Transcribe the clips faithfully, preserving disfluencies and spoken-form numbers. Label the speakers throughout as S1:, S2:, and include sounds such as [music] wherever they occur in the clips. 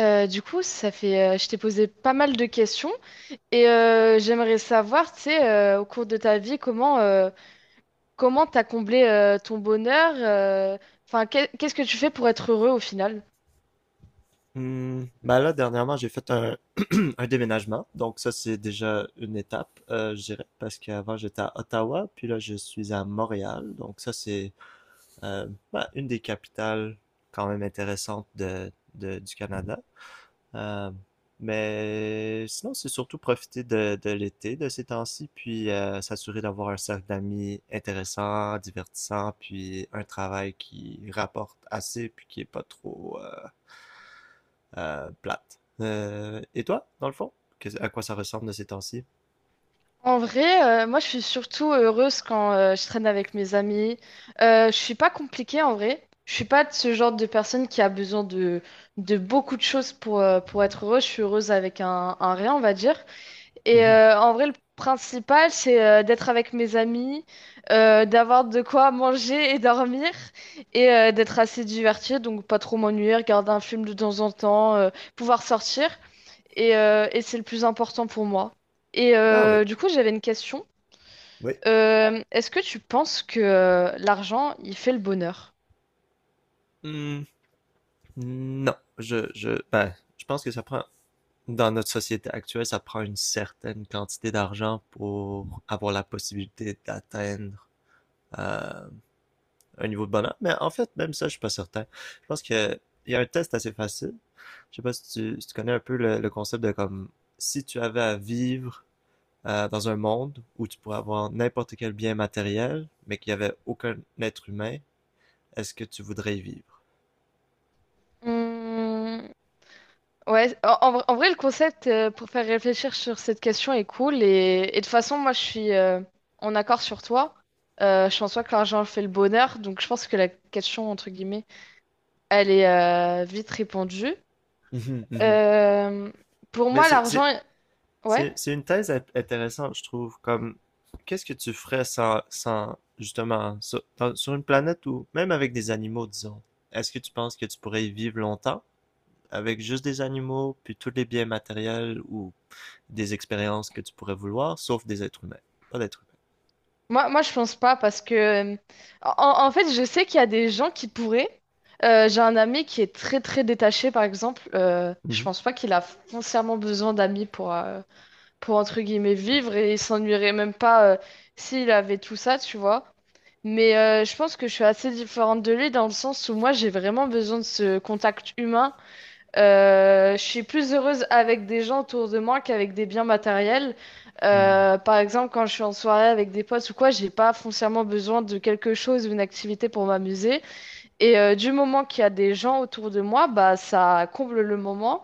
S1: Euh, du coup, ça fait, euh, je t'ai posé pas mal de questions et euh, j'aimerais savoir, tu sais, euh, au cours de ta vie, comment euh, comment t'as comblé euh, ton bonheur, euh, enfin, qu'est- qu'est-ce que tu fais pour être heureux au final?
S2: Hmm, ben là, dernièrement, j'ai fait un, [clears throat] un déménagement. Donc ça, c'est déjà une étape, euh, je dirais, parce qu'avant, j'étais à Ottawa, puis là, je suis à Montréal. Donc ça, c'est euh, ben, une des capitales quand même intéressantes de, de- du Canada. Euh, mais sinon, c'est surtout profiter de, de l'été de ces temps-ci, puis euh, s'assurer d'avoir un cercle d'amis intéressant, divertissant, puis un travail qui rapporte assez, puis qui est pas trop... euh, euh, plate. Euh, et toi, dans le fond? Que- à quoi ça ressemble de ces temps-ci?
S1: En vrai, euh, moi, je suis surtout heureuse quand euh, je traîne avec mes amis. Euh, je suis pas compliquée en vrai. Je suis pas de ce genre de personne qui a besoin de de beaucoup de choses pour euh, pour être heureuse. Je suis heureuse avec un, un rien, on va dire. Et
S2: Mhm.
S1: euh, en vrai, le principal, c'est euh, d'être avec mes amis, euh, d'avoir de quoi manger et dormir, et euh, d'être assez diverti, donc pas trop m'ennuyer, regarder un film de temps en temps, euh, pouvoir sortir. Et, euh, et c'est le plus important pour moi. Et
S2: Ah oui,
S1: euh, du coup, j'avais une question.
S2: oui.
S1: Euh, est-ce que tu penses que euh, l'argent, il fait le bonheur?
S2: Hmm, non, je, je, ben, je pense que ça prend, dans notre société actuelle, ça prend une certaine quantité d'argent pour avoir la possibilité d'atteindre euh, un niveau de bonheur. Mais en fait, même ça, je suis pas certain. Je pense que il y a un test assez facile. Je sais pas si tu, si tu connais un peu le, le concept de comme si tu avais à vivre euh, dans un monde où tu pourrais avoir n'importe quel bien matériel, mais qu'il n'y avait aucun être humain, est-ce que tu voudrais y vivre?
S1: Hmm. Ouais, en, en vrai, en vrai, le concept euh, pour faire réfléchir sur cette question est cool. Et, et de toute façon, moi, je suis euh, en accord sur toi. Euh, je pense pas que l'argent fait le bonheur. Donc, je pense que la question, entre guillemets, elle est euh, vite répondue.
S2: Mhm. Mhm.
S1: Euh, pour
S2: Mais
S1: moi,
S2: c'est, c'est,
S1: l'argent, ouais.
S2: c'est, c'est une thèse intéressante, je trouve, comme qu'est-ce que tu ferais sans, sans justement, sur, dans- sur une planète où, même avec des animaux, disons, est-ce que tu penses que tu pourrais y vivre longtemps avec juste des animaux, puis tous les biens matériels ou des expériences que tu pourrais vouloir, sauf des êtres humains, pas d'êtres
S1: Moi, moi, je pense pas parce que, euh, en, en fait, je sais qu'il y a des gens qui pourraient. Euh, j'ai un ami qui est très, très détaché, par exemple. Euh, je
S2: humains. Mhm.
S1: pense pas qu'il a foncièrement besoin d'amis pour, euh, pour entre guillemets vivre et il s'ennuierait même pas euh, s'il avait tout ça, tu vois. Mais euh, je pense que je suis assez différente de lui dans le sens où moi j'ai vraiment besoin de ce contact humain. Euh, je suis plus heureuse avec des gens autour de moi qu'avec des biens matériels.
S2: Mhm.
S1: Euh, par exemple, quand je suis en soirée avec des potes ou quoi, j'ai pas foncièrement besoin de quelque chose ou une activité pour m'amuser. Et euh, du moment qu'il y a des gens autour de moi, bah ça comble le moment.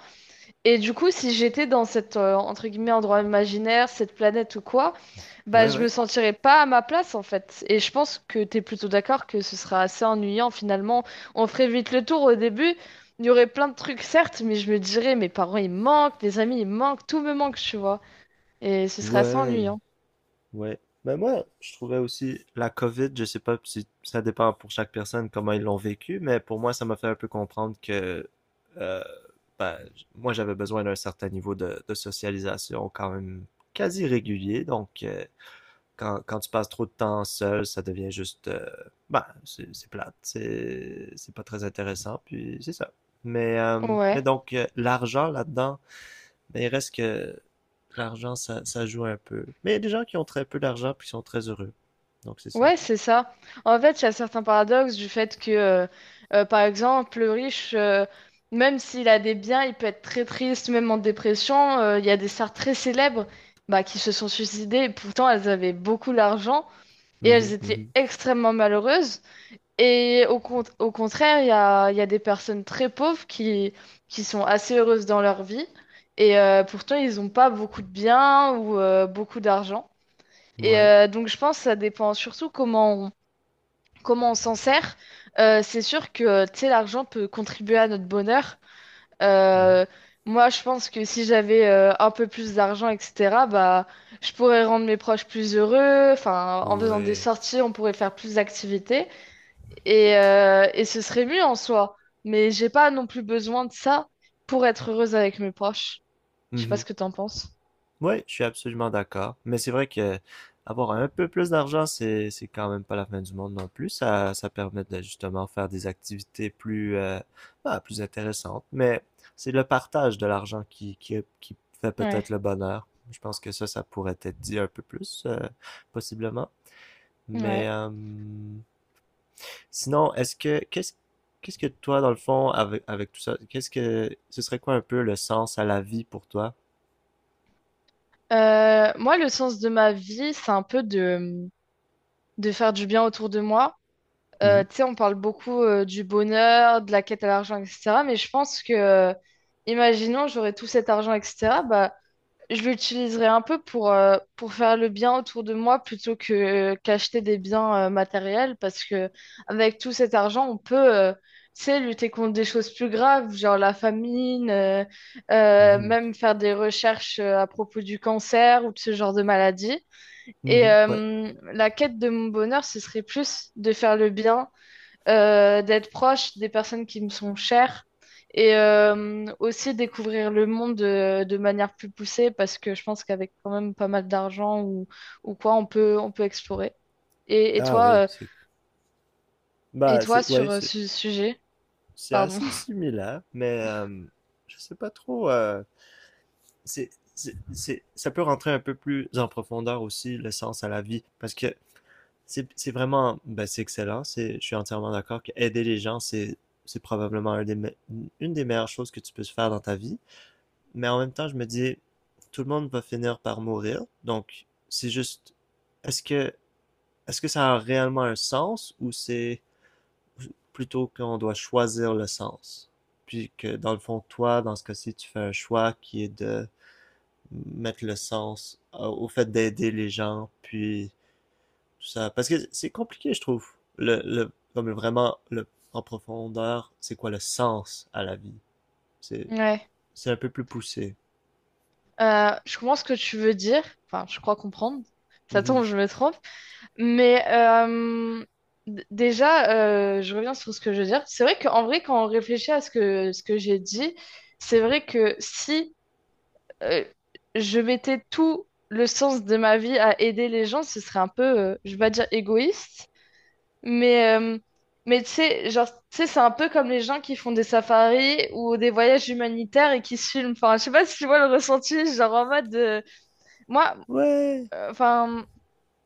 S1: Et du coup, si j'étais dans cet, euh, entre guillemets, endroit imaginaire, cette planète ou quoi, bah,
S2: Ouais,
S1: je me
S2: ouais.
S1: sentirais pas à ma place, en fait. Et je pense que t'es plutôt d'accord que ce sera assez ennuyant, finalement. On ferait vite le tour au début. Il y aurait plein de trucs, certes, mais je me dirais, mes parents, ils me manquent, des amis, ils me manquent, tout me manque, tu vois. Et ce serait assez
S2: Ouais.
S1: ennuyant.
S2: Ouais. Mais moi, je trouvais aussi la COVID, je sais pas si ça dépend pour chaque personne comment ils l'ont vécu, mais pour moi, ça m'a fait un peu comprendre que euh, ben, j- moi, j'avais besoin d'un certain niveau de, de socialisation quand même quasi régulier. Donc, euh, quand, quand tu passes trop de temps seul, ça devient juste, euh, ben, c'est c'est plate, c'est c'est pas très intéressant, puis c'est ça. Mais, euh, mais
S1: Ouais.
S2: donc, euh, l'argent là-dedans, mais il reste que l'argent, ça, ça joue un peu. Mais il y a des gens qui ont très peu d'argent puis qui sont très heureux. Donc c'est ça.
S1: Ouais, c'est ça. En fait, il y a certains paradoxes du fait que, euh, euh, par exemple, le riche, euh, même s'il a des biens, il peut être très triste, même en dépression. Euh, Il y a des stars très célèbres bah, qui se sont suicidées, et pourtant elles avaient beaucoup d'argent et elles
S2: Mhm,
S1: étaient
S2: mhm.
S1: extrêmement malheureuses. Et au, con- au contraire, il y a, il y a des personnes très pauvres qui, qui sont assez heureuses dans leur vie, et euh, pourtant ils n'ont pas beaucoup de biens ou euh, beaucoup d'argent. Et
S2: Ouais.
S1: euh, donc je pense que ça dépend surtout comment comment on s'en sert, euh, c'est sûr que tu sais, l'argent peut contribuer à notre bonheur.
S2: Mhm.
S1: Euh, moi, je pense que si j'avais euh, un peu plus d'argent, et cetera, bah, je pourrais rendre mes proches plus heureux. Enfin, en faisant des
S2: Ouais.
S1: sorties, on pourrait faire plus d'activités et, euh, et ce serait mieux en soi. Mais j'ai pas non plus besoin de ça pour être heureuse avec mes proches. Je sais pas
S2: Mhm.
S1: ce que t'en penses.
S2: Ouais, je suis absolument d'accord. Mais c'est vrai que avoir un peu plus d'argent, c'est c'est quand même pas la fin du monde non plus. Ça, ça permet de justement faire des activités plus, euh, bah, plus intéressantes. Mais c'est le partage de l'argent qui, qui, qui fait peut-être
S1: Ouais,
S2: le bonheur. Je pense que ça, ça pourrait être dit un peu plus, euh, possiblement. Mais
S1: ouais.
S2: euh, sinon, est-ce que qu'est-ce qu'est-ce que toi, dans le fond, avec, avec tout ça, qu'est-ce que ce serait quoi un peu le sens à la vie pour toi?
S1: Euh, moi, le sens de ma vie, c'est un peu de, de faire du bien autour de moi. Euh,
S2: Mhm,
S1: tu sais, on parle beaucoup euh, du bonheur, de la quête à l'argent, et cetera. Mais je pense que, euh, imaginons, j'aurais tout cet argent, et cetera. Bah, je l'utiliserais un peu pour, euh, pour faire le bien autour de moi plutôt que qu'acheter des biens euh, matériels. Parce que avec tout cet argent, on peut, euh, tu sais, lutter contre des choses plus graves, genre la famine, euh, euh,
S2: mhm,
S1: même faire des recherches euh, à propos du cancer ou de ce genre de maladie. Et
S2: mhm, ouais.
S1: euh, la quête de mon bonheur, ce serait plus de faire le bien euh, d'être proche des personnes qui me sont chères et euh, aussi découvrir le monde de, de manière plus poussée parce que je pense qu'avec quand même pas mal d'argent ou, ou quoi, on peut, on peut explorer. Et, et
S2: Ah
S1: toi,
S2: oui,
S1: euh,
S2: c'est
S1: et
S2: bah
S1: toi
S2: c'est ouais,
S1: sur euh,
S2: c'est
S1: ce sujet,
S2: c'est
S1: pardon.
S2: assez
S1: [laughs]
S2: similaire, mais euh, je sais pas trop. euh, c'est c'est c'est- Ça peut rentrer un peu plus en profondeur aussi le sens à la vie, parce que c'est c'est vraiment bah c'est excellent. C'est je suis entièrement d'accord que aider les gens c'est c'est probablement un des me- une des meilleures choses que tu peux faire dans ta vie. Mais en même temps, je me dis, tout le monde va finir par mourir. Donc, c'est juste, est-ce que, est-ce que ça a réellement un sens ou c'est plutôt qu'on doit choisir le sens? Puis que dans le fond, toi, dans ce cas-ci, tu fais un choix qui est de mettre le sens euh, au fait d'aider les gens, puis tout ça. Parce que c'est compliqué, je trouve. Le, le, comme vraiment, le, en profondeur, c'est quoi le sens à la vie? C'est,
S1: Ouais.
S2: c'est un peu plus poussé.
S1: Euh, je comprends ce que tu veux dire. Enfin, je crois comprendre.
S2: Mm
S1: Ça
S2: -hmm.
S1: tombe, je me trompe. Mais euh, d- déjà, euh, je reviens sur ce que je veux dire. C'est vrai qu'en vrai, quand on réfléchit à ce que, ce que j'ai dit, c'est vrai que si euh, je mettais tout le sens de ma vie à aider les gens, ce serait un peu, euh, je vais pas dire égoïste, mais, euh, mais tu sais, genre, tu sais, c'est un peu comme les gens qui font des safaris ou des voyages humanitaires et qui se filment. Enfin, je sais pas si tu vois le ressenti, genre en mode, de- moi,
S2: Ouais.
S1: euh, enfin,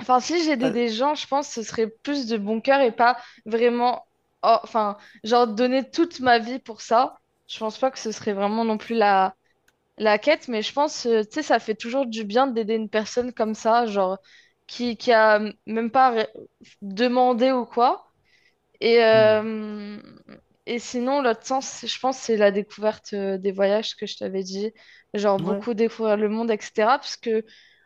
S1: enfin, si j'aidais
S2: Euh,
S1: des gens, je pense que ce serait plus de bon cœur et pas vraiment, oh, enfin, genre donner toute ma vie pour ça. Je pense pas que ce serait vraiment non plus la la quête, mais je pense, euh, tu sais, ça fait toujours du bien d'aider une personne comme ça, genre, qui, qui a même pas ré- demandé ou quoi. Et,
S2: mm.
S1: euh, et sinon, l'autre sens, c'est- je pense, c'est la découverte euh, des voyages que je t'avais dit, genre
S2: Ouais,
S1: beaucoup découvrir le monde, et cetera. Parce que,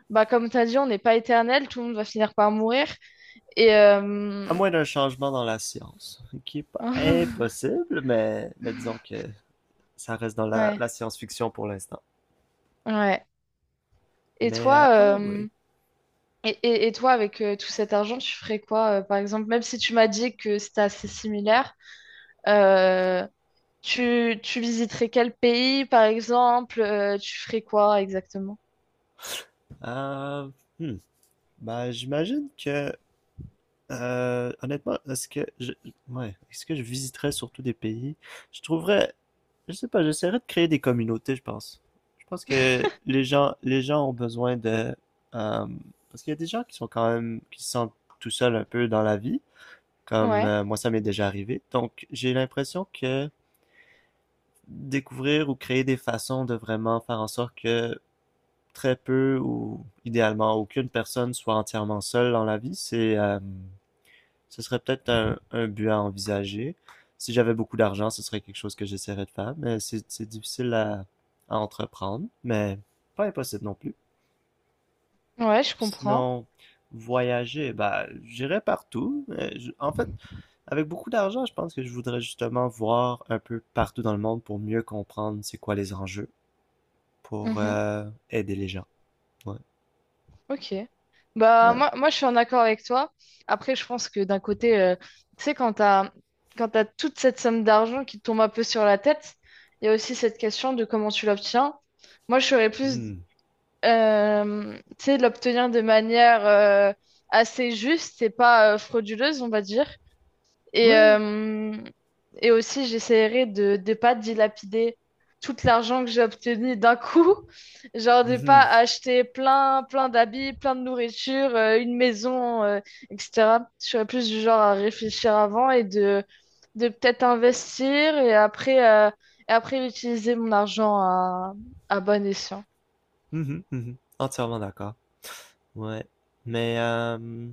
S1: bah, comme tu as dit, on n'est pas éternel, tout le monde va finir par mourir. Et,
S2: à
S1: euh,
S2: moins d'un changement dans la science, qui est pas
S1: [laughs]
S2: impossible, mais, mais disons que ça reste dans la,
S1: ouais,
S2: la science-fiction pour l'instant.
S1: ouais. Et
S2: Mais, euh,
S1: toi,
S2: ah
S1: euh,
S2: oui.
S1: Et, et- et toi, avec euh, tout cet argent, tu ferais quoi, euh, par exemple, même si tu m'as dit que c'était assez similaire, euh, tu, tu visiterais quel pays, par exemple, euh, tu ferais quoi exactement?
S2: euh, hmm. Ben, j'imagine que, euh, honnêtement, est-ce que je, ouais, est-ce que je visiterais surtout des pays? Je trouverais, je sais pas, j'essaierais de créer des communautés, je pense. Je pense que
S1: [laughs]
S2: les gens, les gens ont besoin de, euh, parce qu'il y a des gens qui sont quand même, qui se sentent tout seuls un peu dans la vie, comme
S1: Ouais,
S2: euh, moi ça m'est déjà arrivé. Donc j'ai l'impression que découvrir ou créer des façons de vraiment faire en sorte que très peu ou idéalement aucune personne soit entièrement seule dans la vie, c'est euh, ce serait peut-être un, un but à envisager. Si j'avais beaucoup d'argent, ce serait quelque chose que j'essaierais de faire, mais c'est c'est difficile à, à entreprendre, mais pas impossible non plus.
S1: ouais, je comprends.
S2: Sinon, voyager, bah, j'irais partout. mais je- en fait, avec beaucoup d'argent, je pense que je voudrais justement voir un peu partout dans le monde pour mieux comprendre c'est quoi les enjeux, pour
S1: Mhm.
S2: euh, aider les gens. Ouais,
S1: Ok. Bah,
S2: ouais.
S1: moi, moi, je suis en accord avec toi. Après, je pense que d'un côté, euh, tu sais, quand t'as, quand t'as toute cette somme d'argent qui te tombe un peu sur la tête, il y a aussi cette question de comment tu l'obtiens. Moi, je serais plus
S2: Hmm.
S1: euh, tu sais, l'obtenir de manière euh, assez juste et pas euh, frauduleuse, on va dire. Et,
S2: Ouais.
S1: euh, et aussi, j'essaierai de ne pas dilapider tout l'argent que j'ai obtenu d'un coup. [laughs] Genre de pas
S2: Mhm.
S1: acheter plein, plein d'habits, plein de nourriture, euh, une maison, euh, et cetera. Je serais plus du genre à réfléchir avant et de, de peut-être investir et après, euh, et après utiliser mon argent à, à bon escient.
S2: Mhm. Mhm. Entièrement d'accord. Ouais, mais euh,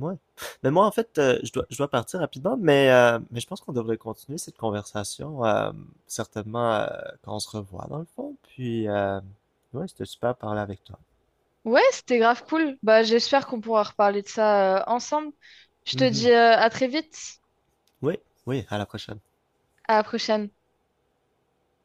S2: ouais. Mais moi, en fait, euh, je dois, je dois partir rapidement, mais, euh, mais je pense qu'on devrait continuer cette conversation, euh, certainement, euh, quand on se revoit, dans le fond. Puis, euh, ouais, c'était super de parler avec toi.
S1: Ouais, c'était grave cool. Bah, j'espère qu'on pourra reparler de ça euh, ensemble. Je te
S2: Mhm.
S1: dis euh, à très vite,
S2: Oui, oui, à la prochaine.
S1: à la prochaine.